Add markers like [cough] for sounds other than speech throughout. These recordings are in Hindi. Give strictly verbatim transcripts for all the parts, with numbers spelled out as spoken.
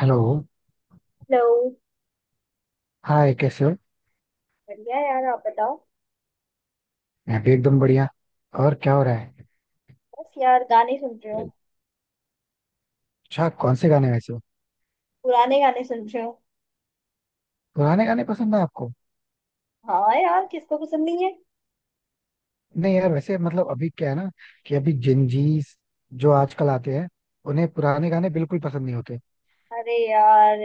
हेलो। हेलो। हाय, कैसे हो? बढ़िया यार, आप बताओ। मैं भी एकदम बढ़िया। और क्या हो रहा है? बस यार, गाने सुन रहे हो। अच्छा, कौन से गाने वैसे हो? पुराने गाने सुन रहे हो। पुराने गाने पसंद है आपको? हाँ यार, किसको पसंद नहीं है। नहीं यार, वैसे मतलब अभी क्या है ना, कि अभी जिंजीस जो आजकल आते हैं उन्हें पुराने गाने बिल्कुल पसंद नहीं होते। अरे यार,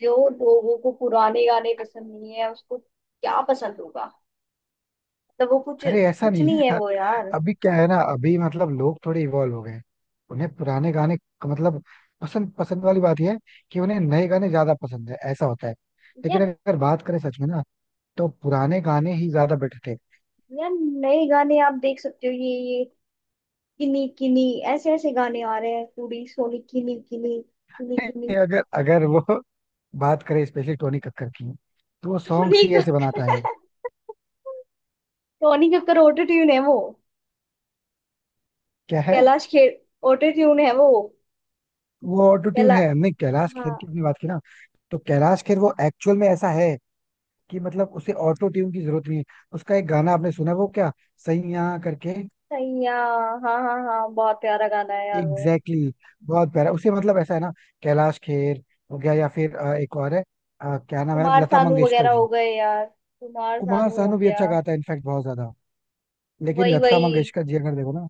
जो लोगों को पुराने गाने पसंद नहीं है, उसको क्या पसंद होगा। मतलब वो कुछ अरे ऐसा कुछ नहीं है नहीं है यार। वो यार। अभी क्या है ना, अभी मतलब लोग थोड़े इवॉल्व हो गए हैं। उन्हें पुराने गाने क- मतलब पसंद पसंद वाली बात यह है कि उन्हें नए गाने ज्यादा पसंद है, ऐसा होता है। लेकिन यार अगर बात करें सच में ना, तो पुराने गाने ही ज्यादा बेटर थे। यार नए गाने आप देख सकते हो, ये ये किनी किनी, ऐसे ऐसे गाने आ रहे हैं। पूरी सोनी किनी किनी, किनी [laughs] किनी। अगर अगर वो बात करें स्पेशली टोनी कक्कर की, तो वो सॉन्ग्स टोनी ही ऐसे बनाता कक्कर है। टोनी कक्कर ऑटो ट्यून है वो। क्या है? कैलाश खेर ऑटो ट्यून है वो। वो ऑटो ट्यून कैला है, हमने कैलाश खेर की हाँ। अपनी बात की ना, तो कैलाश खेर वो एक्चुअल में ऐसा है कि मतलब उसे ऑटो ट्यून की जरूरत नहीं है। उसका एक गाना आपने सुना है, वो क्या, सही यहाँ करके। सैया। हाँ हाँ हाँ, बहुत प्यारा गाना है यार वो। एग्जैक्टली exactly, बहुत प्यारा। उसे मतलब ऐसा है ना, कैलाश खेर हो गया, या फिर अ, एक और है। अ, क्या नाम है, कुमार लता सानू मंगेशकर वगैरह हो जी। गए यार। कुमार कुमार सानू हो सानू भी गया। अच्छा गाता है, इनफैक्ट बहुत ज्यादा। लेकिन वही लता वही। मंगेशकर जी अगर देखो ना,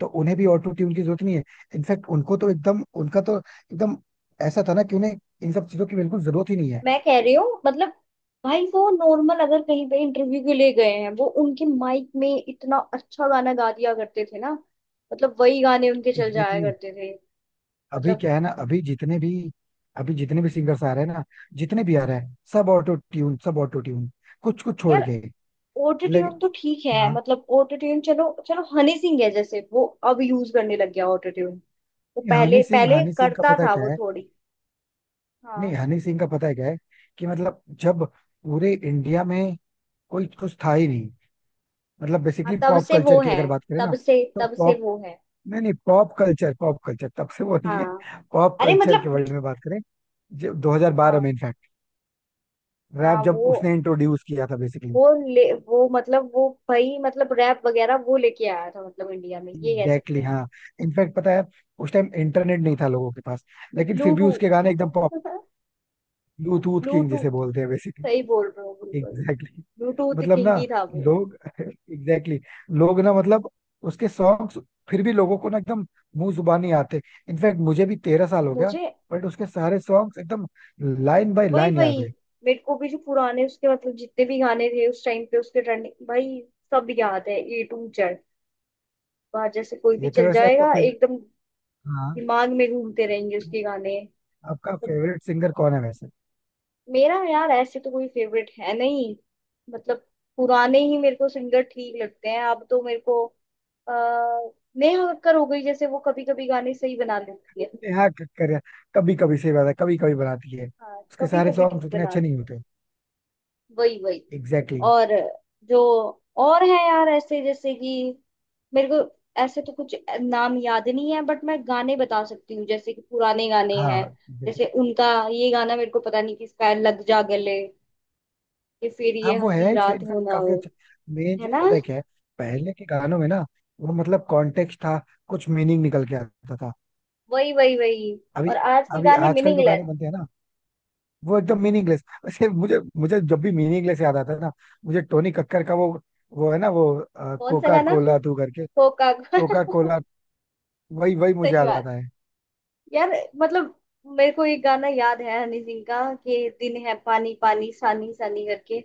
तो उन्हें भी ऑटो ट्यून की जरूरत नहीं है। इनफैक्ट उनको तो एकदम, उनका तो एकदम ऐसा था ना कि उन्हें इन सब चीजों की बिल्कुल जरूरत ही नहीं है। मैं कह रही हूँ, मतलब भाई, वो नॉर्मल अगर कहीं पे इंटरव्यू के लिए गए हैं, वो उनके माइक में इतना अच्छा गाना गा दिया करते थे ना। मतलब वही गाने उनके चल जाया एग्जैक्टली exactly. करते थे। अभी मतलब क्या है ना, अभी जितने भी अभी जितने भी सिंगर्स आ रहे हैं ना, जितने भी आ रहे हैं सब ऑटो ट्यून, सब ऑटो ट्यून, कुछ कुछ छोड़ यार, के। ऑटो ट्यून लेकिन, तो ठीक है। हाँ। मतलब ऑटो ट्यून चलो चलो, हनी सिंह है जैसे वो, अब यूज करने लग गया ऑटो ट्यून। वो ये पहले हनी सिंह, पहले हनी सिंह का करता पता है था क्या वो है? थोड़ी। नहीं, हाँ। हनी सिंह का पता है क्या है, कि मतलब जब पूरे इंडिया में कोई कुछ था ही नहीं, मतलब हाँ, बेसिकली तब पॉप से वो कल्चर की है। अगर बात करें तब ना, से तब तो से वो है। नहीं नहीं, पॉप कल्चर, पॉप कल्चर तब से वो नहीं है। हाँ, पॉप अरे कल्चर के मतलब। वर्ल्ड में बात करें, जब दो हज़ार बारह में हाँ। इनफैक्ट रैप हाँ जब वो उसने इंट्रोड्यूस किया था बेसिकली। वो ले वो मतलब वो भाई, मतलब रैप वगैरह वो लेके आया था, मतलब इंडिया में ये कह सकते एग्जैक्टली हैं। exactly, हाँ। इनफैक्ट पता है, उस टाइम इंटरनेट नहीं था लोगों के पास, लेकिन फिर भी उसके ब्लूटूथ। गाने एकदम पॉप। ब्लूटूथ किंग ब्लूटूथ जिसे [laughs] बोलते हैं बेसिकली। सही बोल रहे हो बिल्कुल। Exactly exactly. ब्लूटूथ मतलब ना, किंग ही था वो। लोग [laughs] एग्जैक्टली exactly, लोग ना मतलब उसके सॉन्ग्स फिर भी लोगों को ना एकदम मुंह जुबानी आते। इनफैक्ट मुझे भी तेरह साल हो गया, मुझे बट उसके सारे सॉन्ग्स एकदम लाइन बाय वही लाइन याद वही। है। मेरे को भी जो पुराने उसके, मतलब जितने भी गाने थे उस टाइम पे उसके ट्रेंडिंग, भाई सब याद है। A to Z. वहां जैसे कोई भी ये तो चल वैसे आपका जाएगा फेवरेट। एकदम, हाँ, दिमाग में घूमते रहेंगे उसके गाने। आपका तो फेवरेट सिंगर कौन है वैसे? मेरा यार ऐसे तो कोई फेवरेट है नहीं। मतलब पुराने ही मेरे को सिंगर ठीक लगते हैं अब तो मेरे को अह, नेहा कक्कर हो गई, जैसे वो कभी कभी गाने सही बना लेती है। नेहा कक्कर, कभी कभी सही बात है, कभी कभी बनाती है, हाँ उसके कभी सारे कभी सॉन्ग ठीक उतने अच्छे नहीं बनाती है। होते। वही वही। Exactly exactly. और जो, और है यार ऐसे, जैसे कि मेरे को ऐसे तो कुछ नाम याद नहीं है, बट मैं गाने बता सकती हूँ जैसे कि पुराने गाने हैं। हाँ जैसे जैसे-, उनका ये गाना, मेरे को पता नहीं किसका है, लग जा गले, कि फिर हाँ ये वो हंसी है, रात इनफैक्ट हो ना हो। काफी अच्छा। मेन है चीज ना। पता है क्या है, पहले के गानों में ना, वो मतलब कॉन्टेक्स्ट था, कुछ मीनिंग निकल के आता था। वही वही वही। अभी, और आज के अभी गाने आजकल जो मीनिंगलेस। गाने बनते हैं ना, वो एकदम मीनिंगलेस। [laughs] वैसे मुझे मुझे जब भी मीनिंगलेस याद आता है ना, मुझे टोनी कक्कर का वो वो है ना, वो कौन सा कोका गाना। कोला तू करके, होका कोका [laughs] कोला, वही वही मुझे सही याद बात। आता है। यार मतलब मेरे को एक गाना याद है हनी सिंह का, कि दिन है पानी पानी, सानी सानी करके।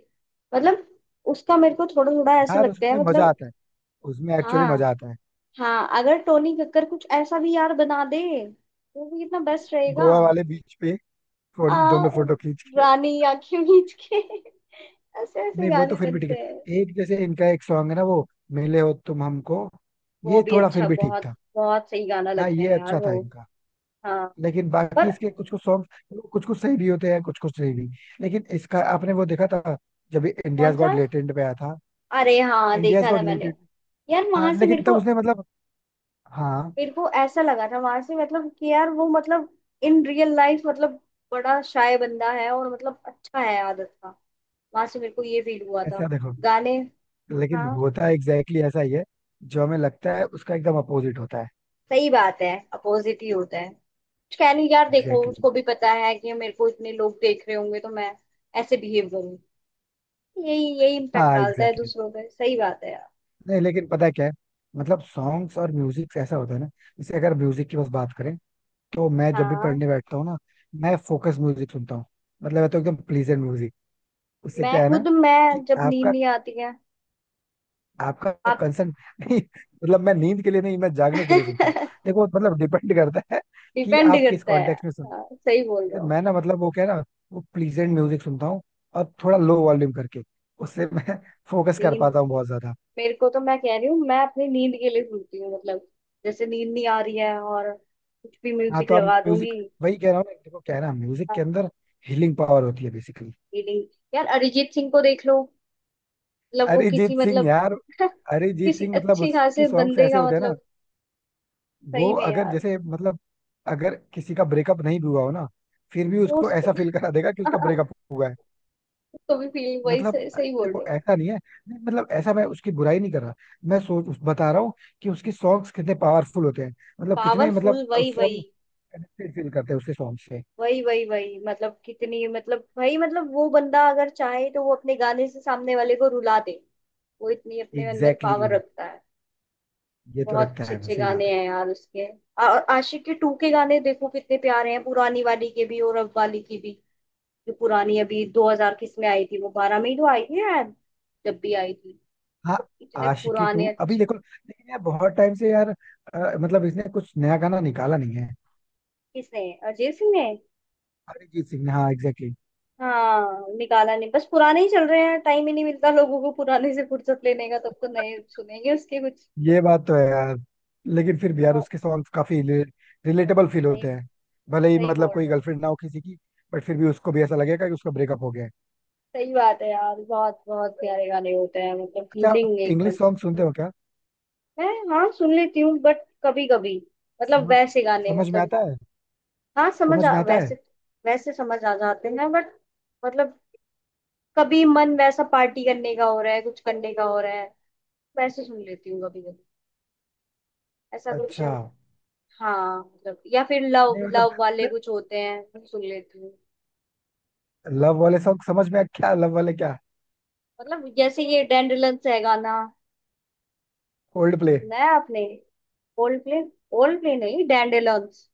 मतलब उसका मेरे को थोड़ा थोड़ा ऐसा यार लगता उसमें है, मजा मतलब आता है, उसमें एक्चुअली हाँ मजा आता है। हाँ, अगर टोनी कक्कर कुछ ऐसा भी यार बना दे तो भी कितना बेस्ट रहेगा। गोवा वाले बीच पे, आ, फोन दोनों फोटो खींच के। रानी आंखें मीच के। [laughs] ऐसे ऐसे नहीं, वो तो गाने फिर भी ठीक बनते हैं। है। एक जैसे इनका एक सॉन्ग है ना वो, मिले हो तुम हमको, वो ये भी थोड़ा फिर अच्छा, भी ठीक बहुत था। बहुत सही गाना हाँ लगता ये है यार अच्छा था वो। इनका। हाँ। लेकिन बाकी और इसके कुछ कुछ सॉन्ग कुछ कुछ सही भी होते हैं, कुछ कुछ सही भी। लेकिन इसका आपने वो देखा था, जब कौन इंडियाज सा। गॉट लेटेंट पे आया था? अरे हाँ, इंडियाज देखा था गॉट मैंने। लेटेंट। यार हाँ वहां से मेरे लेकिन को, तब उसने मतलब, हाँ। मेरे को ऐसा लगा था वहां से, मतलब कि यार वो, मतलब इन रियल लाइफ, मतलब बड़ा शाय बंदा है और मतलब अच्छा है आदत का। वहां से मेरे को ये फील हुआ था, ऐसा देखो, गाने। लेकिन हाँ होता एग्जैक्टली exactly ऐसा ही है, जो हमें लगता है उसका एकदम अपोजिट होता है। सही बात है, अपोजिट ही होता है। कुछ कह नहीं यार, देखो एग्जैक्टली exactly. उसको भी पता है कि मेरे को इतने लोग देख रहे होंगे, तो मैं ऐसे बिहेव करूँ। यही यही इम्पैक्ट हाँ डालता है एग्जैक्टली दूसरों पे, सही बात है यार। exactly. नहीं लेकिन पता है क्या है, मतलब सॉन्ग्स और म्यूजिक ऐसा होता है ना, जैसे अगर म्यूजिक की बस बात करें, तो मैं जब भी हाँ। पढ़ने बैठता हूँ ना, मैं फोकस म्यूजिक सुनता हूँ। मतलब है तो एकदम प्लीजेंट म्यूजिक, उससे मैं क्या है ना खुद, कि मैं जब नींद आपका नहीं आती है। आपका आप। कंसर्न। [laughs] नहीं मतलब मैं नींद के लिए नहीं, मैं जागने के लिए सुनता हूँ। [laughs] देखो मतलब डिपेंड करता है, कि डिपेंड आप किस करता है। कॉन्टेक्स्ट हाँ में। सही बोल रहे हो। मैं ना मतलब वो क्या है ना, वो प्लीजेंट म्यूजिक सुनता हूँ, और थोड़ा लो वॉल्यूम करके, उससे मैं [laughs] फोकस कर नींद, पाता हूँ बहुत ज्यादा। मेरे को तो, मैं कह रही हूँ, मैं अपनी नींद के लिए सुनती हूँ, मतलब जैसे नींद नहीं आ रही है और कुछ भी हाँ म्यूजिक तो आप लगा म्यूजिक, दूंगी। वही कह रहा हूँ ना, देखो क्या है ना, म्यूजिक हाँ। के अंदर हीलिंग पावर होती है बेसिकली। रीडिंग, यार अरिजीत सिंह को देख लो। मतलब वो किसी, अरिजीत सिंह मतलब यार, [laughs] अरिजीत किसी सिंह मतलब अच्छे उसकी खासे सॉन्ग्स बंदे ऐसे का, होते हैं ना, मतलब वो सही में अगर यार। जैसे मतलब, अगर किसी का ब्रेकअप नहीं भी हुआ हो ना, फिर भी वो उसको उसको ऐसा फील करा देगा कि उसका [laughs] ब्रेकअप हुआ है। उसको भी फील, वही मतलब सही, सही बोल देखो रहे हो। ऐसा नहीं है, नहीं, मतलब ऐसा, मैं उसकी बुराई नहीं कर रहा, मैं सोच उस- बता रहा हूँ कि उसके सॉन्ग्स कितने पावरफुल होते हैं, मतलब कितने, मतलब पावरफुल वही उससे वही। हम कनेक्टेड फील करते हैं उसके सॉन्ग से। वही वही वही, मतलब कितनी, मतलब भाई, मतलब वो बंदा अगर चाहे तो वो अपने गाने से सामने वाले को रुला दे। वो इतनी अपने अंदर एग्जैक्टली पावर exactly, रखता है। ये तो बहुत रखता अच्छे है वो, अच्छे सही गाने बात है। हैं यार उसके। आ- और आशिक के टू के गाने देखो कितने प्यारे हैं, पुरानी वाली के भी और अब वाली की भी। जो पुरानी अभी दो हज़ार किस में आई थी, वो बारह में ही तो आई है यार, जब भी आई थी। हाँ, मतलब इतने आशिकी टू पुराने अभी अच्छे। देखो लेकिन यार, बहुत टाइम से यार अ, मतलब इसने कुछ नया गाना निकाला नहीं है। किसने, अजय सिंह ने। अरिजीत सिंह ने, हाँ एग्जैक्टली। हाँ निकाला नहीं, बस पुराने ही चल रहे हैं। टाइम ही नहीं मिलता लोगों को पुराने से फुर्सत लेने का, तब तो नए सुनेंगे उसके कुछ। ये बात तो है यार। लेकिन फिर भी यार बहुत, उसके सॉन्ग्स काफी रिलेटेबल बहुत फील सही, होते हैं, भले ही सही मतलब बोल कोई रहे हो। गर्लफ्रेंड ना हो किसी की, बट फिर भी उसको भी ऐसा लगेगा कि उसका ब्रेकअप हो गया है। सही बात है यार, बहुत बहुत प्यारे गाने होते हैं, मतलब अच्छा आप फीलिंग इंग्लिश एकदम। सॉन्ग सुनते हो क्या? मैं, हाँ सुन लेती हूँ बट कभी कभी। मतलब समझ वैसे गाने, समझ में मतलब आता है, हाँ समझ समझ आ, में आता वैसे, है। वैसे समझ आ जाते हैं, बट मतलब कभी मन वैसा पार्टी करने का हो रहा है, कुछ करने का हो रहा है, वैसे सुन लेती हूँ कभी कभी, ऐसा कुछ। अच्छा। हाँ मतलब, या फिर लव नहीं मतलब, लव वाले कुछ होते हैं वो सुन लेती हूँ। [laughs] लव वाले सॉन्ग समझ में आ- क्या लव वाले, क्या? मतलब जैसे ये डैंडेलियंस है गाना, ओल्ड प्ले, सुना है आपने। ओल्ड प्ले, ओल्ड प्ले नहीं डैंडेलियंस।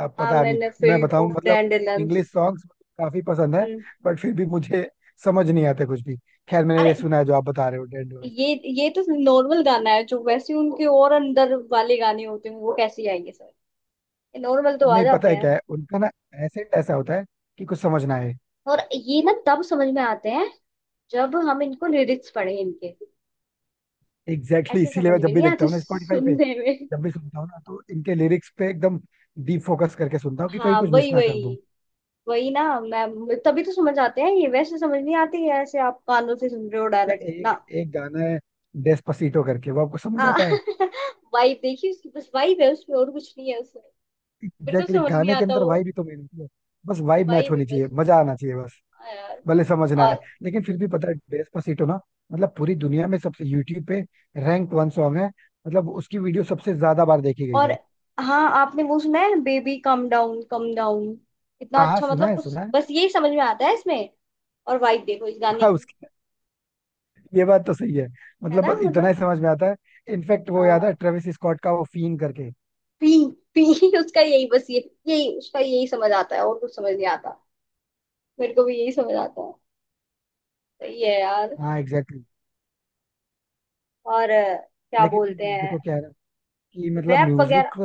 अब हाँ पता नहीं। मैंने मैं फील्ड बताऊं ऑफ मतलब, डैंडेलियंस। इंग्लिश सॉन्ग्स काफी पसंद है, हम्म। बट फिर भी मुझे समझ नहीं आते कुछ भी। खैर, मैंने ये अरे सुना है जो आप बता रहे हो। ये ये तो नॉर्मल गाना है। जो वैसे उनके और अंदर वाले गाने होते हैं, वो कैसे आएंगे सर। ये नॉर्मल तो आ नहीं पता जाते है हैं। क्या है उनका ना, एसेंट ऐसा होता है कि कुछ समझ ना आए। और ये ना तब समझ में आते हैं जब हम इनको लिरिक्स पढ़े इनके। एग्जैक्टली exactly, ऐसे इसीलिए समझ मैं में जब भी नहीं देखता आते हूँ ना स्पॉटिफाई पे, सुनने में। जब भी सुनता हूँ ना, तो इनके लिरिक्स पे एकदम डीप फोकस करके सुनता हूँ कि कहीं हाँ, कुछ मिस वही ना कर दूं। वही। वही ना, मैं तभी तो समझ आते हैं ये, वैसे समझ नहीं आती है। ऐसे आप कानों से सुन रहे हो या डायरेक्ट ना। एक, एक गाना है डेस्पासीटो करके, वो आपको समझ आता है? वाइब। [laughs] देखिए उसकी बस वाइब है उसमें, और कुछ नहीं है उसमें। बिल्कुल एग्जैक्टली exactly, समझ नहीं गाने के आता अंदर वो। वाइब ही तो मेन होती है। बस वाइब वही मैच होनी चाहिए, विवेश, मजा आना चाहिए बस। हाँ यार। भले समझ ना आए। और लेकिन फिर भी पता है, डेस्पासीटो ना, मतलब पूरी दुनिया में सबसे, यूट्यूब पे रैंक वन सॉन्ग है, मतलब उसकी वीडियो सबसे ज्यादा बार देखी गई और है। हाँ, आपने वो सुना है, baby calm down calm down. इतना हाँ हाँ, अच्छा, सुना मतलब है, कुछ सुना है। बस यही समझ में आता है इसमें। और वाइब देखो इस [laughs] गाने हाँ, की। ये बात तो सही है, है मतलब ना, बस इतना मतलब ही समझ में आता है। इनफैक्ट वो याद है, हाँ। ट्रेविस स्कॉट का वो फीन करके। पी पी [laughs] उसका यही बस ये, यही उसका यही समझ आता है, और कुछ समझ नहीं आता। मेरे को भी यही समझ आता है। सही है यार। हाँ एग्जैक्टली exactly. और अ, क्या लेकिन फिर बोलते हैं, देखो क्या है ना, कि मतलब रैप वगैरह। Music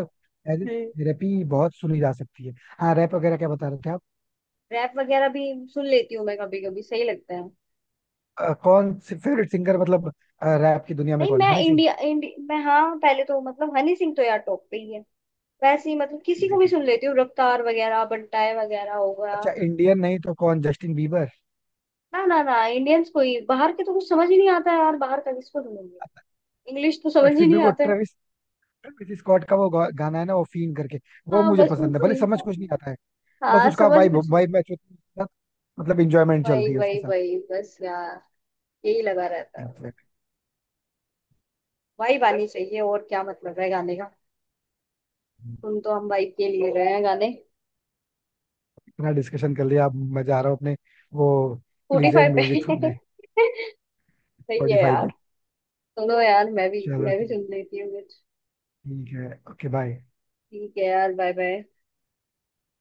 as a hmm. Therapy बहुत सुनी जा सकती है। हाँ रैप वगैरह क्या बता रहे थे आप? रैप वगैरह भी सुन लेती हूँ मैं कभी कभी, सही लगता है। अ, कौन से फेवरेट सिंगर मतलब, रैप की दुनिया में नहीं कौन, मैं हनी सिंह? इंडिया, इंडिया मैं, हाँ पहले तो मतलब हनी सिंह तो यार टॉप पे ही है। वैसे ही मतलब किसी को भी एग्जैक्टली सुन exactly. लेती हूँ, रफ्तार वगैरह, बंटाए वगैरह हो गया। अच्छा इंडियन नहीं तो कौन, जस्टिन बीबर? ना ना ना, इंडियंस को ही, बाहर के तो कुछ समझ ही नहीं आता है यार, बाहर का किसको सुनूंगी। इंग्लिश तो बट समझ ही फिर भी नहीं वो आता है। ट्रेविस, ट्रेविस स्कॉट का वो गा- गाना है ना, वो फीन करके, वो हाँ मुझे बस कुछ पसंद है, भले नहीं। समझ कुछ नहीं आता है। बस हाँ उसका समझ वाइब कुछ नहीं। वाइब मैच होती है उसके साथ, मतलब इंजॉयमेंट चलती वही है उसके वही साथ। वही बस यार, यही लगा रहता है। Exactly। वाइब आनी चाहिए, और क्या मतलब है गाने का। सुन तो हम वाइब के लिए रहे हैं गाने। इतना डिस्कशन कर लिया, अब मैं जा रहा हूँ अपने वो स्पॉटिफाई प्लीजेंट पे। म्यूजिक [laughs] सुनने सही है स्पॉटिफाई यार। पे। सुनो यार, मैं भी चलो मैं भी ठीक, सुन लेती हूँ। ठीक है, ओके, बाय। ठीक है यार, बाय बाय।